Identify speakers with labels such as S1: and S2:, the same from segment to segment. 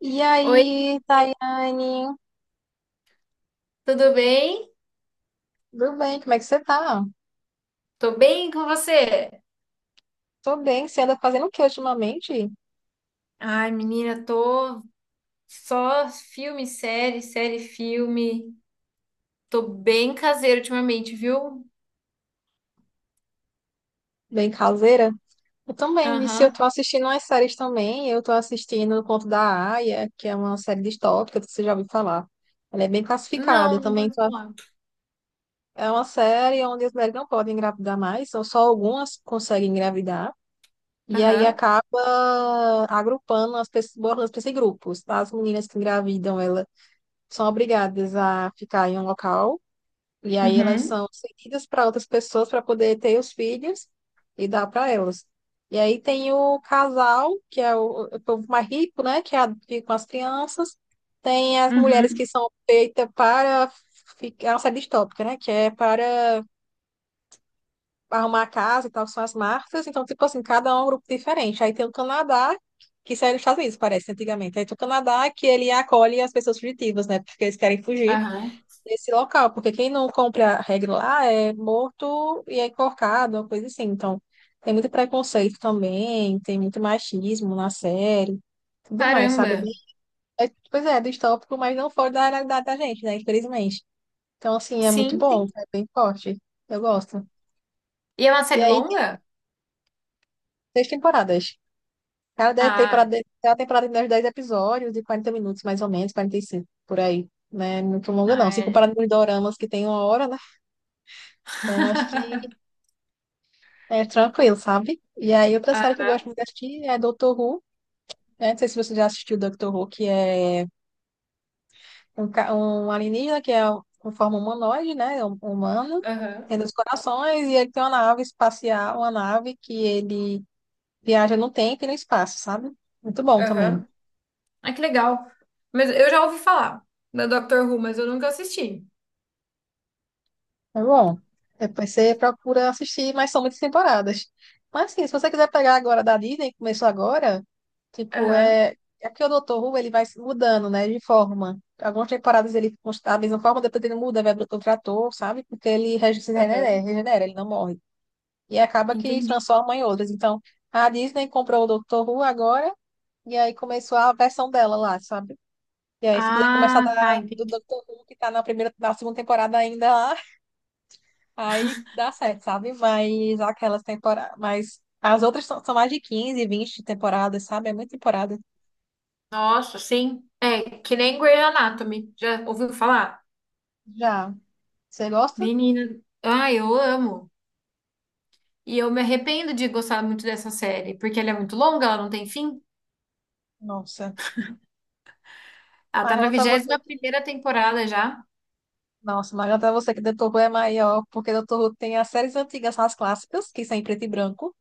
S1: E
S2: Oi,
S1: aí, Tayane?
S2: tudo bem?
S1: Tudo bem? Como é que você tá?
S2: Tô bem com você?
S1: Tô bem. Você anda fazendo o que ultimamente?
S2: Ai, menina, tô só filme, série, série, filme. Tô bem caseiro ultimamente, viu?
S1: Bem caseira? Eu também, Vici. Eu
S2: Aham.
S1: tô assistindo umas séries também. Eu tô assistindo O Conto da Aia, que é uma série distópica que você já ouviu falar. Ela é bem classificada. Eu
S2: Não,
S1: também
S2: conheço
S1: tô...
S2: falar.
S1: É uma série onde as mulheres não podem engravidar mais, são só algumas que conseguem engravidar. E aí
S2: Aham.
S1: acaba agrupando as pessoas, botando as pessoas em grupos. As meninas que engravidam, elas são obrigadas a ficar em um local. E aí elas
S2: Uhum.
S1: são cedidas para outras pessoas para poder ter os filhos e dar para elas. E aí tem o casal, que é o povo mais rico, né? Que é fica com as crianças. Tem as mulheres que
S2: Uhum.
S1: são feitas para ficar, é uma série distópica, né? Que é para arrumar a casa e tal, que são as marcas. Então, tipo assim, cada um é um grupo diferente. Aí tem o Canadá, que isso era nos Estados Unidos, parece, antigamente. Aí tem o Canadá, que ele acolhe as pessoas fugitivas, né? Porque eles querem fugir
S2: Aham.
S1: nesse local, porque quem não cumpre a regra lá é morto e é enforcado, uma coisa assim. Então, tem muito preconceito também, tem muito machismo na série, tudo mais, sabe?
S2: Caramba.
S1: Pois é, é distópico, mas não fora da realidade da gente, né? Infelizmente. Então, assim, é muito
S2: Sim,
S1: bom,
S2: sim.
S1: é bem forte. Eu gosto.
S2: E é uma
S1: E
S2: série
S1: aí, tem
S2: longa?
S1: 6 temporadas. Cada dez
S2: Ah,
S1: temporada, cada temporada tem uns 10 episódios, de 40 minutos, mais ou menos, 45 por aí, né? Não é muito longa,
S2: ah,
S1: não. Se comparado
S2: é.
S1: com os doramas que tem uma hora, né? Então, acho que é tranquilo, sabe? E aí, outra série que eu
S2: Ah,
S1: gosto muito de assistir é Doctor Who, né? Não sei se você já assistiu Doctor Who, que é um alienígena que é com forma humanoide, né? É um humano,
S2: aham.
S1: tem 2 corações, e ele tem uma nave espacial, uma nave que ele viaja no tempo e no espaço, sabe? Muito bom também.
S2: Aham. Ah, que legal. Mas eu já ouvi falar da Doctor Who, mas eu nunca assisti.
S1: É bom. Depois você procura assistir, mas são muitas temporadas. Mas assim, se você quiser pegar agora da Disney, que começou agora, tipo,
S2: Aham.
S1: é. É porque o Dr. Who ele vai se mudando, né, de forma. Algumas temporadas ele está da mesma forma, depois ele muda, vai para outro ator, sabe? Porque ele se regenera,
S2: Aham.
S1: regenera, ele não morre. E acaba que
S2: Entendi.
S1: transforma em outras. Então, a Disney comprou o Dr. Who agora, e aí começou a versão dela lá, sabe? E aí, se quiser começar
S2: Ah, tá,
S1: da, do
S2: entendi.
S1: Dr. Who, que tá na primeira, na segunda temporada ainda lá, aí dá certo, sabe? Mas aquelas temporadas. Mas as outras são mais de 15 20 temporadas, sabe? É muita temporada.
S2: Nossa, sim. É, que nem Grey Anatomy. Já ouviu falar?
S1: Já. Você gosta?
S2: Menina, ah, eu amo. E eu me arrependo de gostar muito dessa série, porque ela é muito longa, ela não tem fim.
S1: Nossa.
S2: Ela tá na
S1: Margaranta você
S2: vigésima
S1: que.
S2: primeira temporada já.
S1: Nossa, Margaranta você que Dr. Who é maior, porque Dr. Who tem as séries antigas, as clássicas, que são em preto e branco.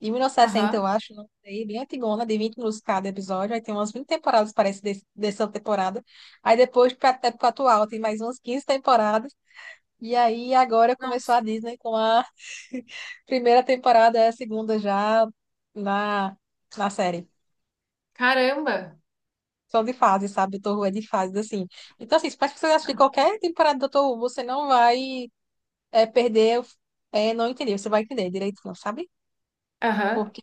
S1: De 1960, eu
S2: Aham.
S1: acho, não sei, bem antigona, de 20 minutos cada episódio. Aí tem umas 20 temporadas, parece, dessa temporada. Aí depois, pra época atual, tem mais umas 15 temporadas. E aí agora começou a
S2: Nossa,
S1: Disney com a primeira temporada, é a segunda já na, na série.
S2: caramba.
S1: São de fases, sabe? Doutor Who é de fases, assim. Então, assim, para que você assistir qualquer temporada do Doutor Who, você não vai perder, não entender. Você vai entender direitinho, sabe?
S2: Aham.
S1: Porque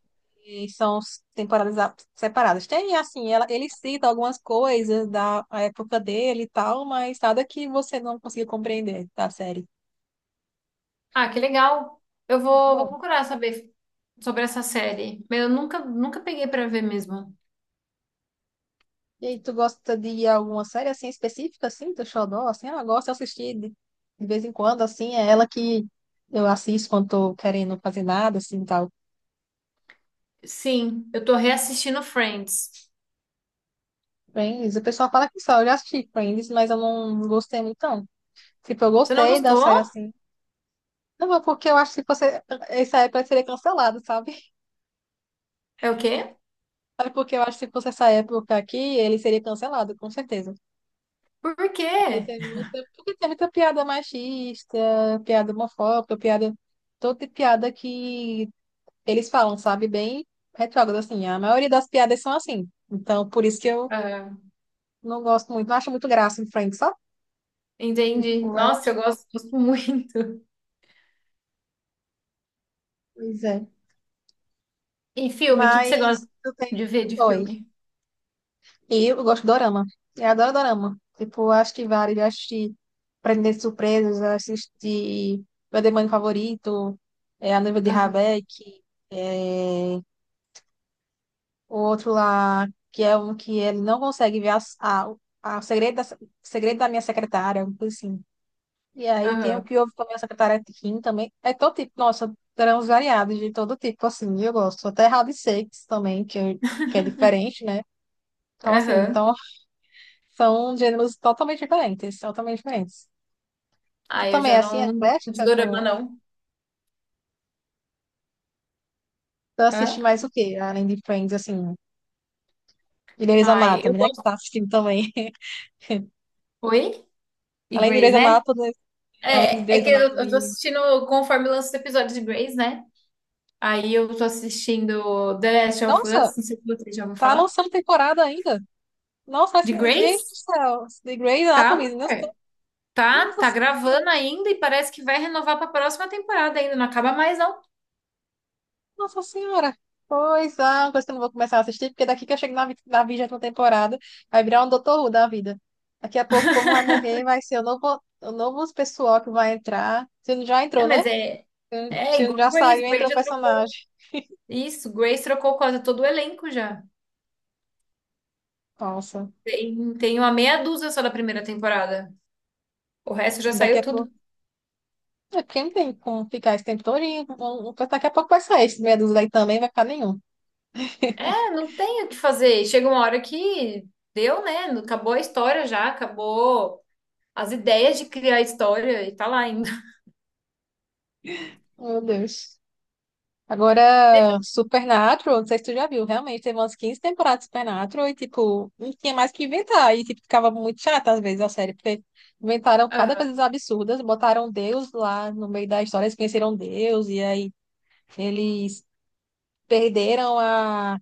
S1: são separadas. Tem, assim, ele cita algumas coisas da época dele e tal, mas nada que você não consiga compreender da série.
S2: Ah, que legal. Eu
S1: Muito
S2: vou, vou
S1: bom.
S2: procurar saber sobre essa série. Mas eu nunca peguei pra ver mesmo.
S1: E aí, tu gosta de alguma série assim específica, assim, do Xodó? Assim, ela gosta de assistir de vez em quando, assim, é ela que eu assisto quando tô querendo fazer nada, assim, tal.
S2: Sim, eu tô reassistindo Friends.
S1: Friends, o pessoal fala que só, eu já assisti Friends, mas eu não gostei muito, não. Tipo, eu
S2: Você não
S1: gostei da
S2: gostou?
S1: série, assim. Não, mas porque eu acho que se fosse, essa época ele seria cancelado, sabe?
S2: É o quê?
S1: É porque eu acho que se fosse essa época aqui, ele seria cancelado, com certeza.
S2: Por
S1: Porque
S2: quê?
S1: tem muita, porque tem muita piada machista, piada homofóbica, piada todo tipo de piada que eles falam, sabe, bem retrógrado, assim. A maioria das piadas são assim. Então, por isso que eu
S2: Ah,
S1: não gosto muito, não acho muito graça em Friends, só
S2: entendi.
S1: tipo, ela,
S2: Nossa, eu gosto muito.
S1: pois é.
S2: E filme, o que que você gosta
S1: Mas eu tenho.
S2: de ver de
S1: Oi.
S2: filme?
S1: E eu gosto de dorama. Eu adoro dorama. Tipo, eu acho vários. Eu assisti Prender Surpresas, eu assisti Meu Demônio Favorito, é, A Noiva de
S2: Aham,
S1: Rabeck, é, o outro lá, que é um que ele não consegue ver o segredo da minha secretária, algo assim. E aí tem o
S2: aham,
S1: que houve também, essa cataratinha também. É todo tipo, nossa, grãos variados de todo tipo, assim, eu gosto. Até hard shakes também, que é diferente, né? Então, assim,
S2: aham.
S1: então são gêneros totalmente diferentes, totalmente diferentes. Tu
S2: Ah, eu
S1: também,
S2: já
S1: é, assim, é
S2: não, não gosto de
S1: eclética
S2: dorama,
S1: com...
S2: não.
S1: Tu assiste
S2: Hã?
S1: mais o quê? Além de Friends, assim, de Grey's
S2: Ai, eu
S1: Anatomy, né? Que tu
S2: gosto.
S1: tá assistindo também.
S2: Oi? E
S1: Além de
S2: Grey's,
S1: Grey's
S2: né?
S1: Anatomy, Além de
S2: É, é
S1: Grey's
S2: que eu tô
S1: Anatomy...
S2: assistindo conforme lança os episódios de Grey's, né? Aí eu tô assistindo The Last of
S1: Nossa,
S2: Us, não sei se você já ouviu
S1: tá
S2: falar.
S1: lançando temporada ainda? Nossa,
S2: De
S1: assim, gente do
S2: Grey's?
S1: céu, The Grey's
S2: Tá,
S1: Anatomy, meu
S2: mulher. Tá, tá
S1: Deus,
S2: gravando ainda e parece que vai renovar pra próxima temporada ainda. Não acaba mais, não.
S1: Nossa Senhora! Pois é, uma coisa que eu não vou começar a assistir, porque daqui que eu chego na, na 20ª temporada, vai virar um Doutor Who da vida. Daqui a pouco o povo vai morrer, vai ser o novo pessoal que vai entrar. Se não já
S2: É,
S1: entrou, né?
S2: mas é, é
S1: Se não
S2: igual
S1: já
S2: Grace.
S1: saiu,
S2: Grace
S1: entrou o
S2: já trocou.
S1: personagem.
S2: Isso, Grace trocou quase todo o elenco já.
S1: Nossa,
S2: Tem uma meia dúzia só da primeira temporada. O resto já
S1: daqui
S2: saiu
S1: a
S2: tudo.
S1: pouco. É porque não tem como ficar esse tempo todo. E daqui a pouco vai sair esse meia dúzia aí também, vai ficar nenhum.
S2: É, não tem o que fazer. Chega uma hora que deu, né? Acabou a história já, acabou as ideias de criar a história e tá lá ainda.
S1: Meu Deus. Agora, Supernatural, não sei se tu já viu, realmente teve umas 15 temporadas de Supernatural e, tipo, não tinha mais o que inventar. E, tipo, ficava muito chata às vezes a série, porque inventaram cada
S2: Aham,
S1: coisa absurda, botaram Deus lá no meio da história, eles conheceram Deus, e aí eles perderam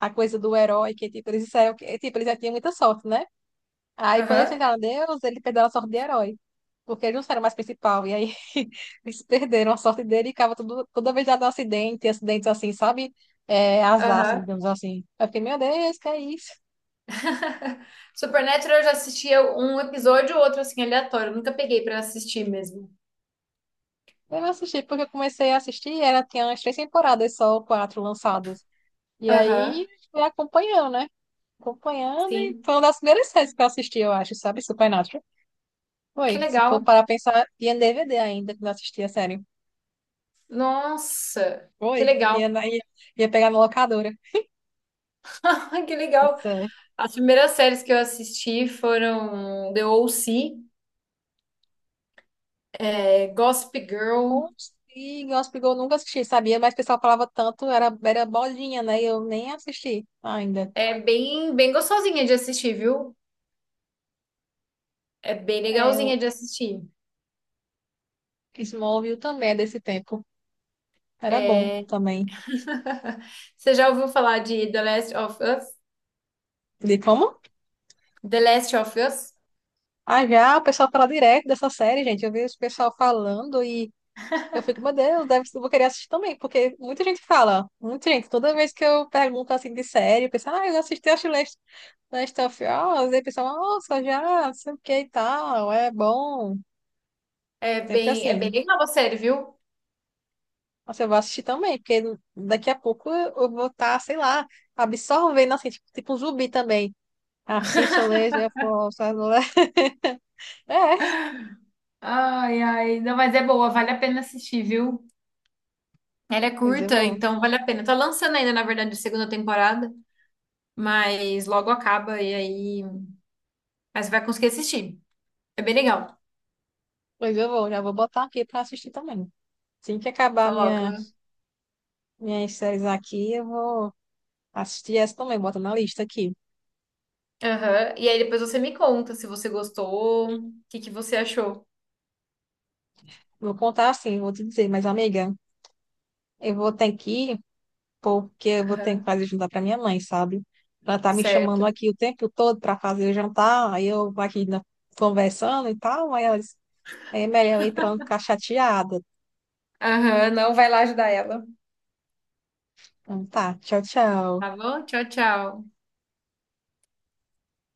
S1: a coisa do herói, que, tipo, eles disseram que, tipo, eles já tinham muita sorte, né? Aí, quando eles
S2: aham,
S1: tentaram Deus, ele perdeu a sorte de herói. Porque eles não eram mais principal. E aí, eles perderam a sorte dele e ficava tudo, toda vez dado um acidente, acidentes assim, sabe? É, azar, assim,
S2: aham.
S1: digamos assim. Eu fiquei, meu Deus, que é isso?
S2: Supernatural eu já assistia um episódio ou outro assim aleatório. Eu nunca peguei pra assistir mesmo.
S1: Eu não assisti, porque eu comecei a assistir, era, tinha umas 3 temporadas só, quatro lançadas. E aí,
S2: Aham,
S1: fui acompanhando, né? Acompanhando, e
S2: sim.
S1: foi uma das primeiras séries que eu assisti, eu acho, sabe? Supernatural. Foi,
S2: Que
S1: se for
S2: legal.
S1: para pensar, tinha DVD ainda, que não assistia, sério.
S2: Nossa, que
S1: Foi,
S2: legal.
S1: ia, na- ia, ia pegar na locadora.
S2: Ai, que legal.
S1: Isso é.
S2: As primeiras séries que eu assisti foram The O.C., é, Gossip Girl.
S1: Consigo, Hóspede eu nunca assisti, sabia? Mas o pessoal falava tanto, era, era bolinha, né? Eu nem assisti ainda.
S2: É bem gostosinha de assistir, viu? É bem
S1: É, o
S2: legalzinha de assistir.
S1: Smallville também é desse tempo. Era bom
S2: É...
S1: também.
S2: Você já ouviu falar de The Last of Us?
S1: De como?
S2: The Last of Us?
S1: Ah, já, o pessoal fala direto dessa série, gente. Eu vi o pessoal falando e eu fico, meu Deus, deve, eu vou querer assistir também, porque muita gente fala, muita gente. Toda vez que eu pergunto assim de série, o pessoal, ah, eu assisti a Last of Us, e o pessoal, nossa, já, não sei o que e tal, é bom. Sempre
S2: É bem
S1: assim.
S2: legal a série, viu?
S1: Nossa, eu vou assistir também, porque daqui a pouco eu vou estar, sei lá, absorvendo, assim, tipo, tipo um zumbi também. Assiste, eu leio, eu posso, eu leio. É,
S2: Ai, ai, não, mas é boa, vale a pena assistir, viu? Ela é
S1: pois eu
S2: curta,
S1: vou.
S2: então vale a pena. Tá lançando ainda, na verdade, a segunda temporada. Mas logo acaba e aí. Mas você vai conseguir assistir. É bem legal.
S1: Pois eu vou, já vou botar aqui pra assistir também. Assim que acabar minha,
S2: Coloca.
S1: minhas séries aqui, eu vou assistir essa também, bota na lista aqui.
S2: Aham. E aí depois você me conta se você gostou, o que que você achou.
S1: Vou contar assim, vou te dizer, mas amiga, eu vou ter que ir, porque eu vou ter que
S2: Aham.
S1: fazer jantar pra minha mãe, sabe? Ela tá me
S2: Certo.
S1: chamando aqui o tempo todo pra fazer o jantar, aí eu aqui na- conversando e tal, aí ela disse, é melhor ir pra não ficar chateada.
S2: Aham, não vai lá ajudar ela.
S1: Então tá, tchau, tchau.
S2: Tá bom? Tchau, tchau.